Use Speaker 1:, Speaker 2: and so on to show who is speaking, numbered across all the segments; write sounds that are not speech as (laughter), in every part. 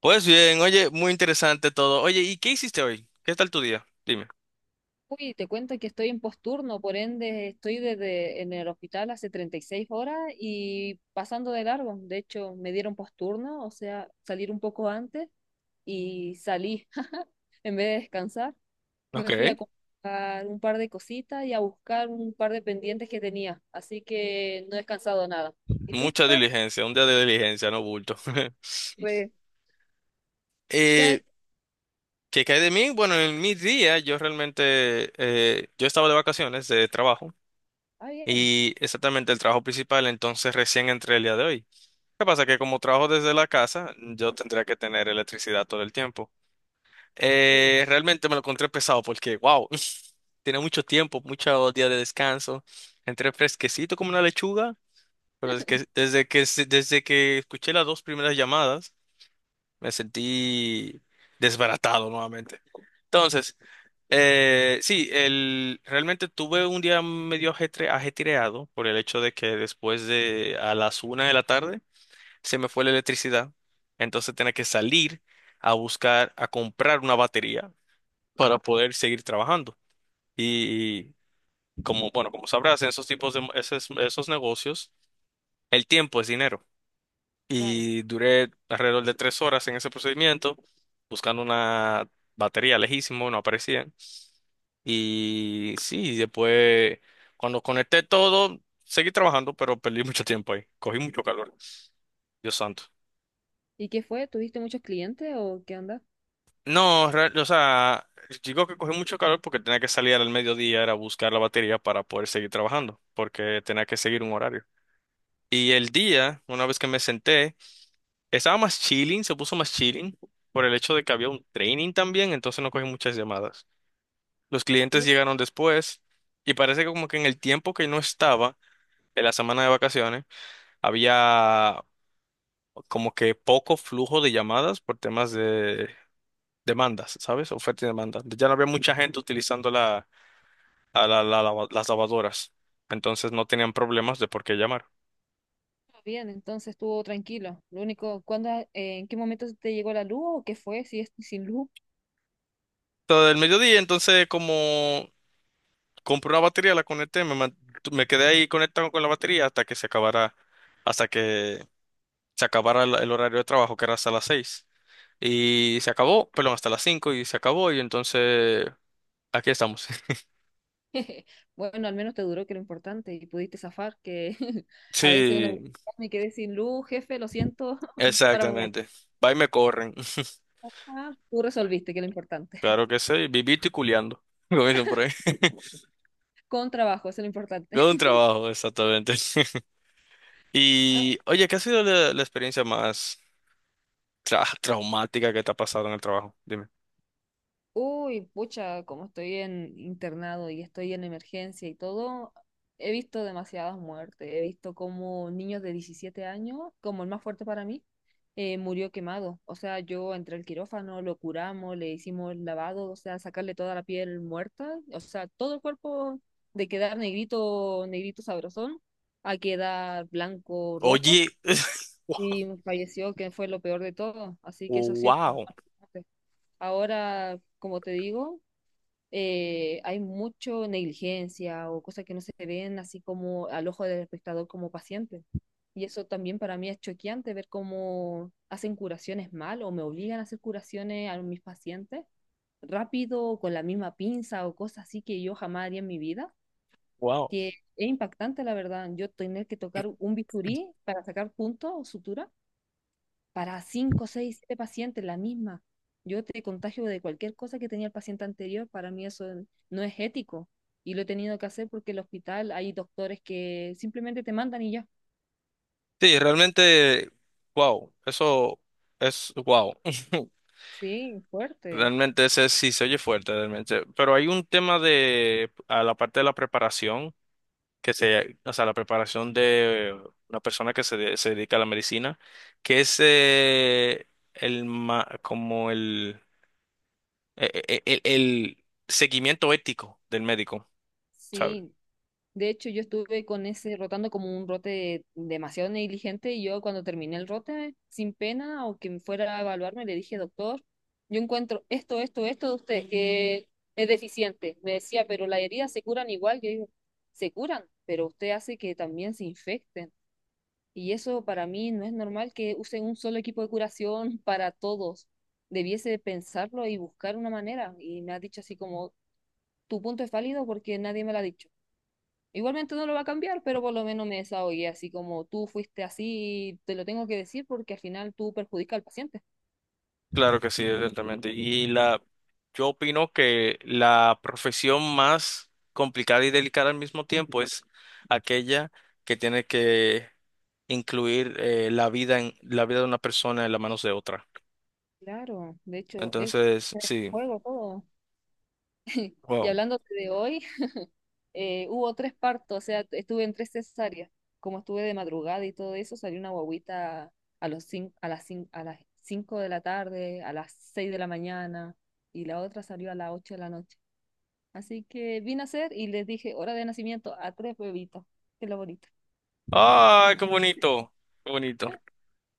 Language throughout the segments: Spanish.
Speaker 1: Pues bien, oye, muy interesante todo. Oye, ¿y qué hiciste hoy? ¿Qué tal tu día? Dime.
Speaker 2: Uy, te cuento que estoy en posturno, por ende estoy desde en el hospital hace 36 horas y pasando de largo. De hecho, me dieron posturno, o sea, salir un poco antes y salí. (laughs) En vez de descansar,
Speaker 1: Ok.
Speaker 2: me fui a comprar un par de cositas y a buscar un par de pendientes que tenía. Así que no he descansado nada. ¿Y tú qué
Speaker 1: Mucha
Speaker 2: tal?
Speaker 1: diligencia, un día de diligencia, no bulto. (laughs)
Speaker 2: Pues, ¿qué
Speaker 1: Eh,
Speaker 2: hay?
Speaker 1: ¿qué cae de mí? Bueno, en mi día yo realmente, yo estaba de vacaciones de trabajo
Speaker 2: Ah, bien.
Speaker 1: y exactamente el trabajo principal, entonces recién entré el día de hoy. ¿Qué pasa? Que como trabajo desde la casa, yo tendría que tener electricidad todo el tiempo.
Speaker 2: Uh,
Speaker 1: Realmente me lo encontré pesado porque, wow, (laughs) tiene mucho tiempo, muchos días de descanso. Entré fresquecito como una lechuga. Pero es que desde que escuché las dos primeras llamadas, me sentí desbaratado nuevamente. Entonces, sí, realmente tuve un día medio ajetreado por el hecho de que después de a las una de la tarde se me fue la electricidad. Entonces tenía que salir a buscar, a comprar una batería para poder seguir trabajando. Y como, bueno, como sabrás, en esos tipos de esos negocios, el tiempo es dinero.
Speaker 2: claro.
Speaker 1: Y duré alrededor de 3 horas en ese procedimiento buscando una batería lejísimo, no aparecía. Y sí, después cuando conecté todo, seguí trabajando, pero perdí (laughs) mucho tiempo ahí. Cogí mucho calor. Dios santo.
Speaker 2: ¿Y qué fue? ¿Tuviste muchos clientes o qué onda?
Speaker 1: No, o sea, digo que cogí mucho calor porque tenía que salir al mediodía, era buscar la batería para poder seguir trabajando, porque tenía que seguir un horario. Y el día, una vez que me senté, estaba más chilling, se puso más chilling por el hecho de que había un training también, entonces no cogí muchas llamadas. Los
Speaker 2: Ah,
Speaker 1: clientes
Speaker 2: bien.
Speaker 1: llegaron después y parece que como que en el tiempo que no estaba, en la semana de vacaciones, había como que poco flujo de llamadas por temas de demandas, ¿sabes? Oferta y demanda. Ya no había mucha gente utilizando la, a la- la lava- las lavadoras, entonces no tenían problemas de por qué llamar.
Speaker 2: Bien, entonces estuvo tranquilo. Lo único, ¿cuándo, en qué momento te llegó la luz o qué fue? Si es sin luz.
Speaker 1: Todo el mediodía, entonces como compré una batería, la conecté, me quedé ahí conectado con la batería hasta que se acabara, hasta que se acabara el horario de trabajo, que era hasta las 6. Y se acabó, perdón, hasta las 5 y se acabó y entonces aquí estamos. (laughs)
Speaker 2: (laughs) Bueno, al menos te duró, que era lo importante, y pudiste zafar, que (laughs) a veces uno
Speaker 1: Sí,
Speaker 2: me quedé sin luz, jefe, lo siento, (laughs) para mañana.
Speaker 1: exactamente. Va y me corren. (laughs)
Speaker 2: Ah, tú resolviste, que es lo importante.
Speaker 1: Claro que sí, vivito y culeando, (laughs) como dicen por ahí.
Speaker 2: Con trabajo, eso es lo importante.
Speaker 1: Todo un trabajo, exactamente. (laughs)
Speaker 2: (laughs)
Speaker 1: Y oye, ¿qué ha sido la experiencia más traumática que te ha pasado en el trabajo? Dime.
Speaker 2: Uy, pucha, como estoy en internado y estoy en emergencia y todo, he visto demasiadas muertes. He visto como niños de 17 años, como el más fuerte para mí, murió quemado. O sea, yo entré al quirófano, lo curamos, le hicimos el lavado, o sea, sacarle toda la piel muerta, o sea, todo el cuerpo de quedar negrito, negrito sabrosón, a quedar blanco, rojo,
Speaker 1: Oye,
Speaker 2: y
Speaker 1: (laughs)
Speaker 2: falleció, que fue lo peor de todo. Así que eso ha sido como lo
Speaker 1: wow.
Speaker 2: más fuerte. Ahora, como te digo, hay mucho negligencia o cosas que no se ven así como al ojo del espectador como paciente. Y eso también para mí es choqueante ver cómo hacen curaciones mal o me obligan a hacer curaciones a mis pacientes rápido o con la misma pinza o cosas así que yo jamás haría en mi vida.
Speaker 1: Wow.
Speaker 2: Que es impactante, la verdad. Yo tener que tocar un bisturí para sacar puntos o sutura para 5, 6 7 pacientes, la misma. Yo te contagio de cualquier cosa que tenía el paciente anterior, para mí eso no es ético y lo he tenido que hacer porque en el hospital hay doctores que simplemente te mandan y ya.
Speaker 1: Sí, realmente, wow, eso es wow. (laughs)
Speaker 2: Sí, fuerte.
Speaker 1: Realmente ese sí se oye fuerte, realmente. Pero hay un tema de, a la parte de la preparación, o sea, la preparación de una persona que se dedica a la medicina, que es el, ma- como el, e- e- e- el, seguimiento ético del médico, ¿sabes?
Speaker 2: Sí, de hecho, yo estuve con ese rotando como un rote demasiado negligente y yo cuando terminé el rote, sin pena o quien fuera a evaluarme, le dije, doctor, yo encuentro esto, esto, esto de ustedes que es deficiente. Me decía, pero las heridas se curan igual. Yo digo, se curan, pero usted hace que también se infecten. Y eso para mí no es normal que usen un solo equipo de curación (laughs) para todos. Debiese pensarlo y buscar una manera. Y me ha dicho así como, tu punto es válido porque nadie me lo ha dicho. Igualmente no lo va a cambiar, pero por lo menos me desahogué, así como tú fuiste así, te lo tengo que decir porque al final tú perjudicas al paciente.
Speaker 1: Claro que sí, exactamente. Y yo opino que la profesión más complicada y delicada al mismo tiempo es aquella que tiene que incluir la vida en la vida de una persona en las manos de otra.
Speaker 2: Claro, de hecho, es
Speaker 1: Entonces, sí,
Speaker 2: juego todo. Y
Speaker 1: wow.
Speaker 2: hablando de hoy, hubo tres partos, o sea, estuve en tres cesáreas. Como estuve de madrugada y todo eso, salió una guagüita a las 5 de la tarde, a las 6 de la mañana, y la otra salió a las 8 de la noche. Así que vine a hacer y les dije hora de nacimiento a tres bebitos. Qué lo bonito.
Speaker 1: ¡Ay, qué bonito! Qué bonito.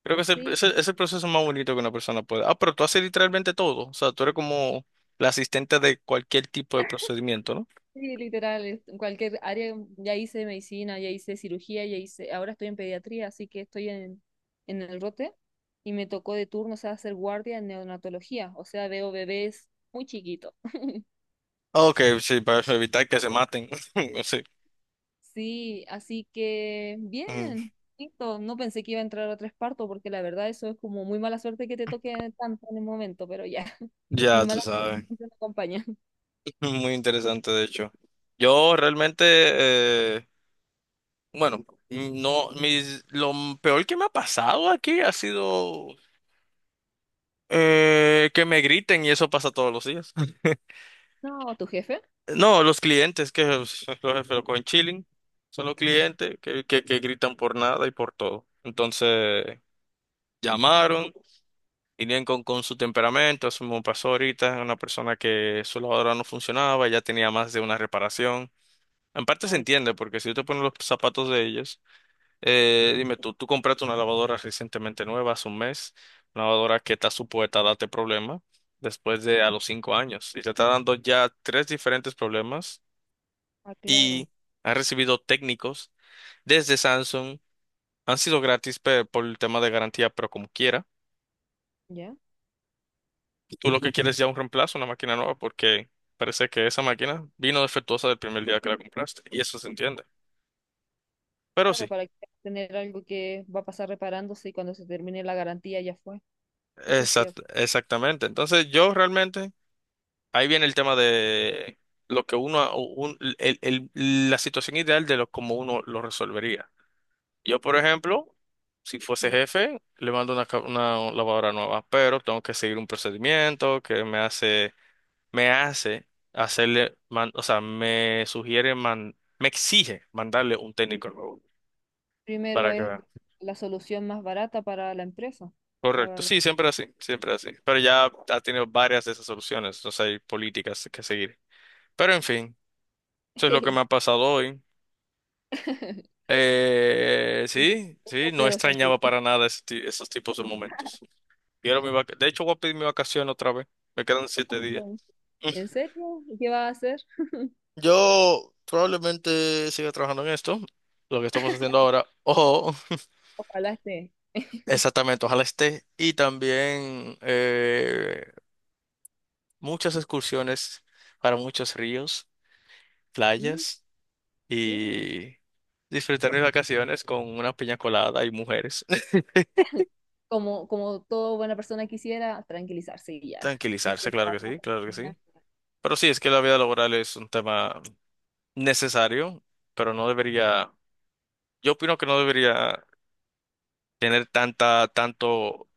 Speaker 1: Creo que es el,
Speaker 2: Sí,
Speaker 1: es el, es el proceso más bonito que una persona puede. Ah, pero tú haces literalmente todo. O sea, tú eres como la asistente de cualquier tipo de procedimiento, ¿no?
Speaker 2: sí, literal, en cualquier área, ya hice medicina, ya hice cirugía, ya hice, ahora estoy en pediatría, así que estoy en el rote y me tocó de turno, o sea, hacer guardia en neonatología, o sea, veo bebés muy chiquitos.
Speaker 1: Ok, sí, para evitar que se maten. (laughs) Sí.
Speaker 2: Sí, así que
Speaker 1: Mm.
Speaker 2: bien, listo, no pensé que iba a entrar a tres partos porque la verdad eso es como muy mala suerte que te toque tanto en el momento, pero ya, (laughs) mi
Speaker 1: Ya, tú
Speaker 2: mala
Speaker 1: sabes.
Speaker 2: suerte me acompaña.
Speaker 1: (laughs) Muy interesante, de hecho. Yo realmente, eh, bueno, no, lo peor que me ha pasado aquí ha sido que me griten y eso pasa todos los días. (laughs)
Speaker 2: No, ¿tu jefe?
Speaker 1: No, los clientes, que los jefes con chilling, son los clientes que gritan por nada y por todo. Entonces, llamaron, vinieron con su temperamento, eso me pasó ahorita, una persona que su lavadora no funcionaba, ya tenía más de una reparación. En parte se
Speaker 2: Oh,
Speaker 1: entiende, porque si tú te pones los zapatos de ellos, dime tú, tú compraste una lavadora recientemente nueva, hace un mes, una lavadora que está supuesta a darte problemas después de a los 5 años, y te está dando ya 3 diferentes problemas,
Speaker 2: ah,
Speaker 1: y
Speaker 2: claro,
Speaker 1: ha recibido técnicos desde Samsung, han sido gratis por el tema de garantía, pero como quiera,
Speaker 2: ya.
Speaker 1: tú lo que quieres es ya un reemplazo, una máquina nueva, porque parece que esa máquina vino defectuosa del primer día que la compraste, y eso se entiende. Pero
Speaker 2: Claro,
Speaker 1: sí.
Speaker 2: para que tener algo que va a pasar reparándose y cuando se termine la garantía ya fue. Eso es cierto.
Speaker 1: Exactamente. Entonces, yo realmente, ahí viene el tema de lo que uno, la situación ideal de lo, cómo uno lo resolvería. Yo, por ejemplo, si fuese
Speaker 2: Ya.
Speaker 1: jefe, le mando una lavadora nueva, pero tengo que seguir un procedimiento que me hace o sea, me sugiere, me exige mandarle un técnico nuevo
Speaker 2: Primero
Speaker 1: para que
Speaker 2: es
Speaker 1: vea.
Speaker 2: la solución más barata para la empresa, la
Speaker 1: Correcto,
Speaker 2: verdad.
Speaker 1: sí, siempre así, siempre así. Pero ya ha tenido varias de esas soluciones, entonces hay políticas que seguir. Pero en fin, eso es lo que
Speaker 2: (laughs)
Speaker 1: me ha pasado hoy.
Speaker 2: Simple,
Speaker 1: Sí, sí, no
Speaker 2: pero
Speaker 1: extrañaba
Speaker 2: sensible.
Speaker 1: para nada esos tipos de momentos. De hecho, voy a pedir mi vacación otra vez. Me quedan 7 días.
Speaker 2: Mm. ¿En
Speaker 1: (laughs)
Speaker 2: serio? ¿Y qué va a hacer?
Speaker 1: Yo probablemente siga trabajando en esto, lo que estamos haciendo ahora. Ojo,
Speaker 2: Ojalá esté.
Speaker 1: exactamente, ojalá esté. Y también muchas excursiones para muchos ríos,
Speaker 2: Mm,
Speaker 1: playas
Speaker 2: bien.
Speaker 1: y disfrutar mis vacaciones con una piña colada y mujeres.
Speaker 2: Como toda buena persona quisiera, tranquilizarse y ya. (laughs) No
Speaker 1: Tranquilizarse, claro
Speaker 2: pensar,
Speaker 1: que
Speaker 2: no
Speaker 1: sí, claro que
Speaker 2: pensar
Speaker 1: sí.
Speaker 2: nada.
Speaker 1: Pero sí, es que la vida laboral es un tema necesario, pero no debería, yo opino que no debería tener tanta, tanto,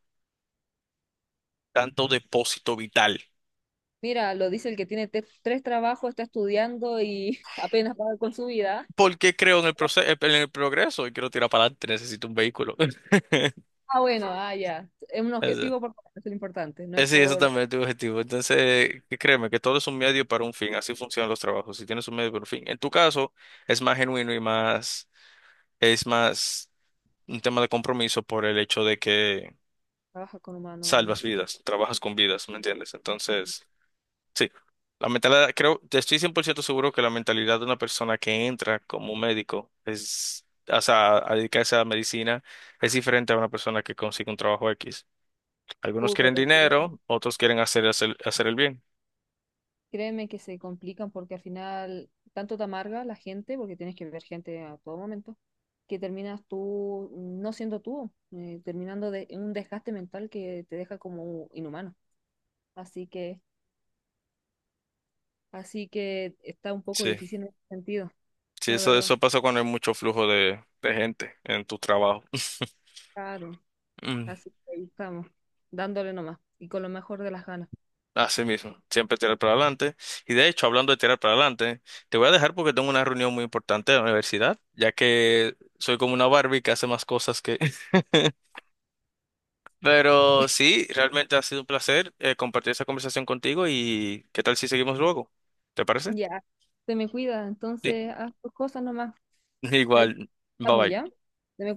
Speaker 1: tanto depósito vital.
Speaker 2: Mira, lo dice el que tiene tres trabajos, está estudiando y (laughs) apenas va con su vida.
Speaker 1: Porque creo en el proceso, en el progreso y quiero tirar para adelante, necesito un vehículo.
Speaker 2: Ah, bueno, ah, ya. Es un
Speaker 1: (laughs) Eso.
Speaker 2: objetivo por eso es lo importante, no es
Speaker 1: Sí, eso
Speaker 2: por
Speaker 1: también es tu objetivo. Entonces, que créeme que todo es un medio para un fin, así funcionan los trabajos. Si tienes un medio para un fin, en tu caso es más genuino y más, es más un tema de compromiso por el hecho de que
Speaker 2: trabajar con humanos en
Speaker 1: salvas
Speaker 2: sí.
Speaker 1: vidas, trabajas con vidas, ¿me entiendes? Entonces, sí, la mentalidad, creo, te estoy 100% seguro que la mentalidad de una persona que entra como médico es, o sea, a dedicarse a la medicina es diferente a una persona que consigue un trabajo X. Algunos
Speaker 2: Uy,
Speaker 1: quieren
Speaker 2: pero créeme,
Speaker 1: dinero, otros quieren hacer el bien.
Speaker 2: créeme que se complican porque al final tanto te amarga la gente, porque tienes que ver gente a todo momento, que terminas tú no siendo tú, terminando de en un desgaste mental que te deja como inhumano. Así que, así que está un poco
Speaker 1: Sí,
Speaker 2: difícil en ese sentido,
Speaker 1: sí,
Speaker 2: la
Speaker 1: eso,
Speaker 2: verdad.
Speaker 1: eso pasa cuando hay mucho flujo de gente en tu trabajo. (laughs)
Speaker 2: Claro,
Speaker 1: Mm.
Speaker 2: así que ahí estamos, dándole nomás y con lo mejor de las ganas.
Speaker 1: Así mismo, siempre tirar para adelante. Y de hecho, hablando de tirar para adelante, te voy a dejar porque tengo una reunión muy importante de la universidad, ya que soy como una Barbie que hace más cosas que... (laughs) Pero sí, realmente ha sido un placer compartir esta conversación contigo y qué tal si seguimos luego, ¿te parece?
Speaker 2: Ya, se me cuida,
Speaker 1: Sí,
Speaker 2: entonces haz tus cosas nomás.
Speaker 1: (laughs)
Speaker 2: Ahí
Speaker 1: igual, bye
Speaker 2: estamos ya.
Speaker 1: bye.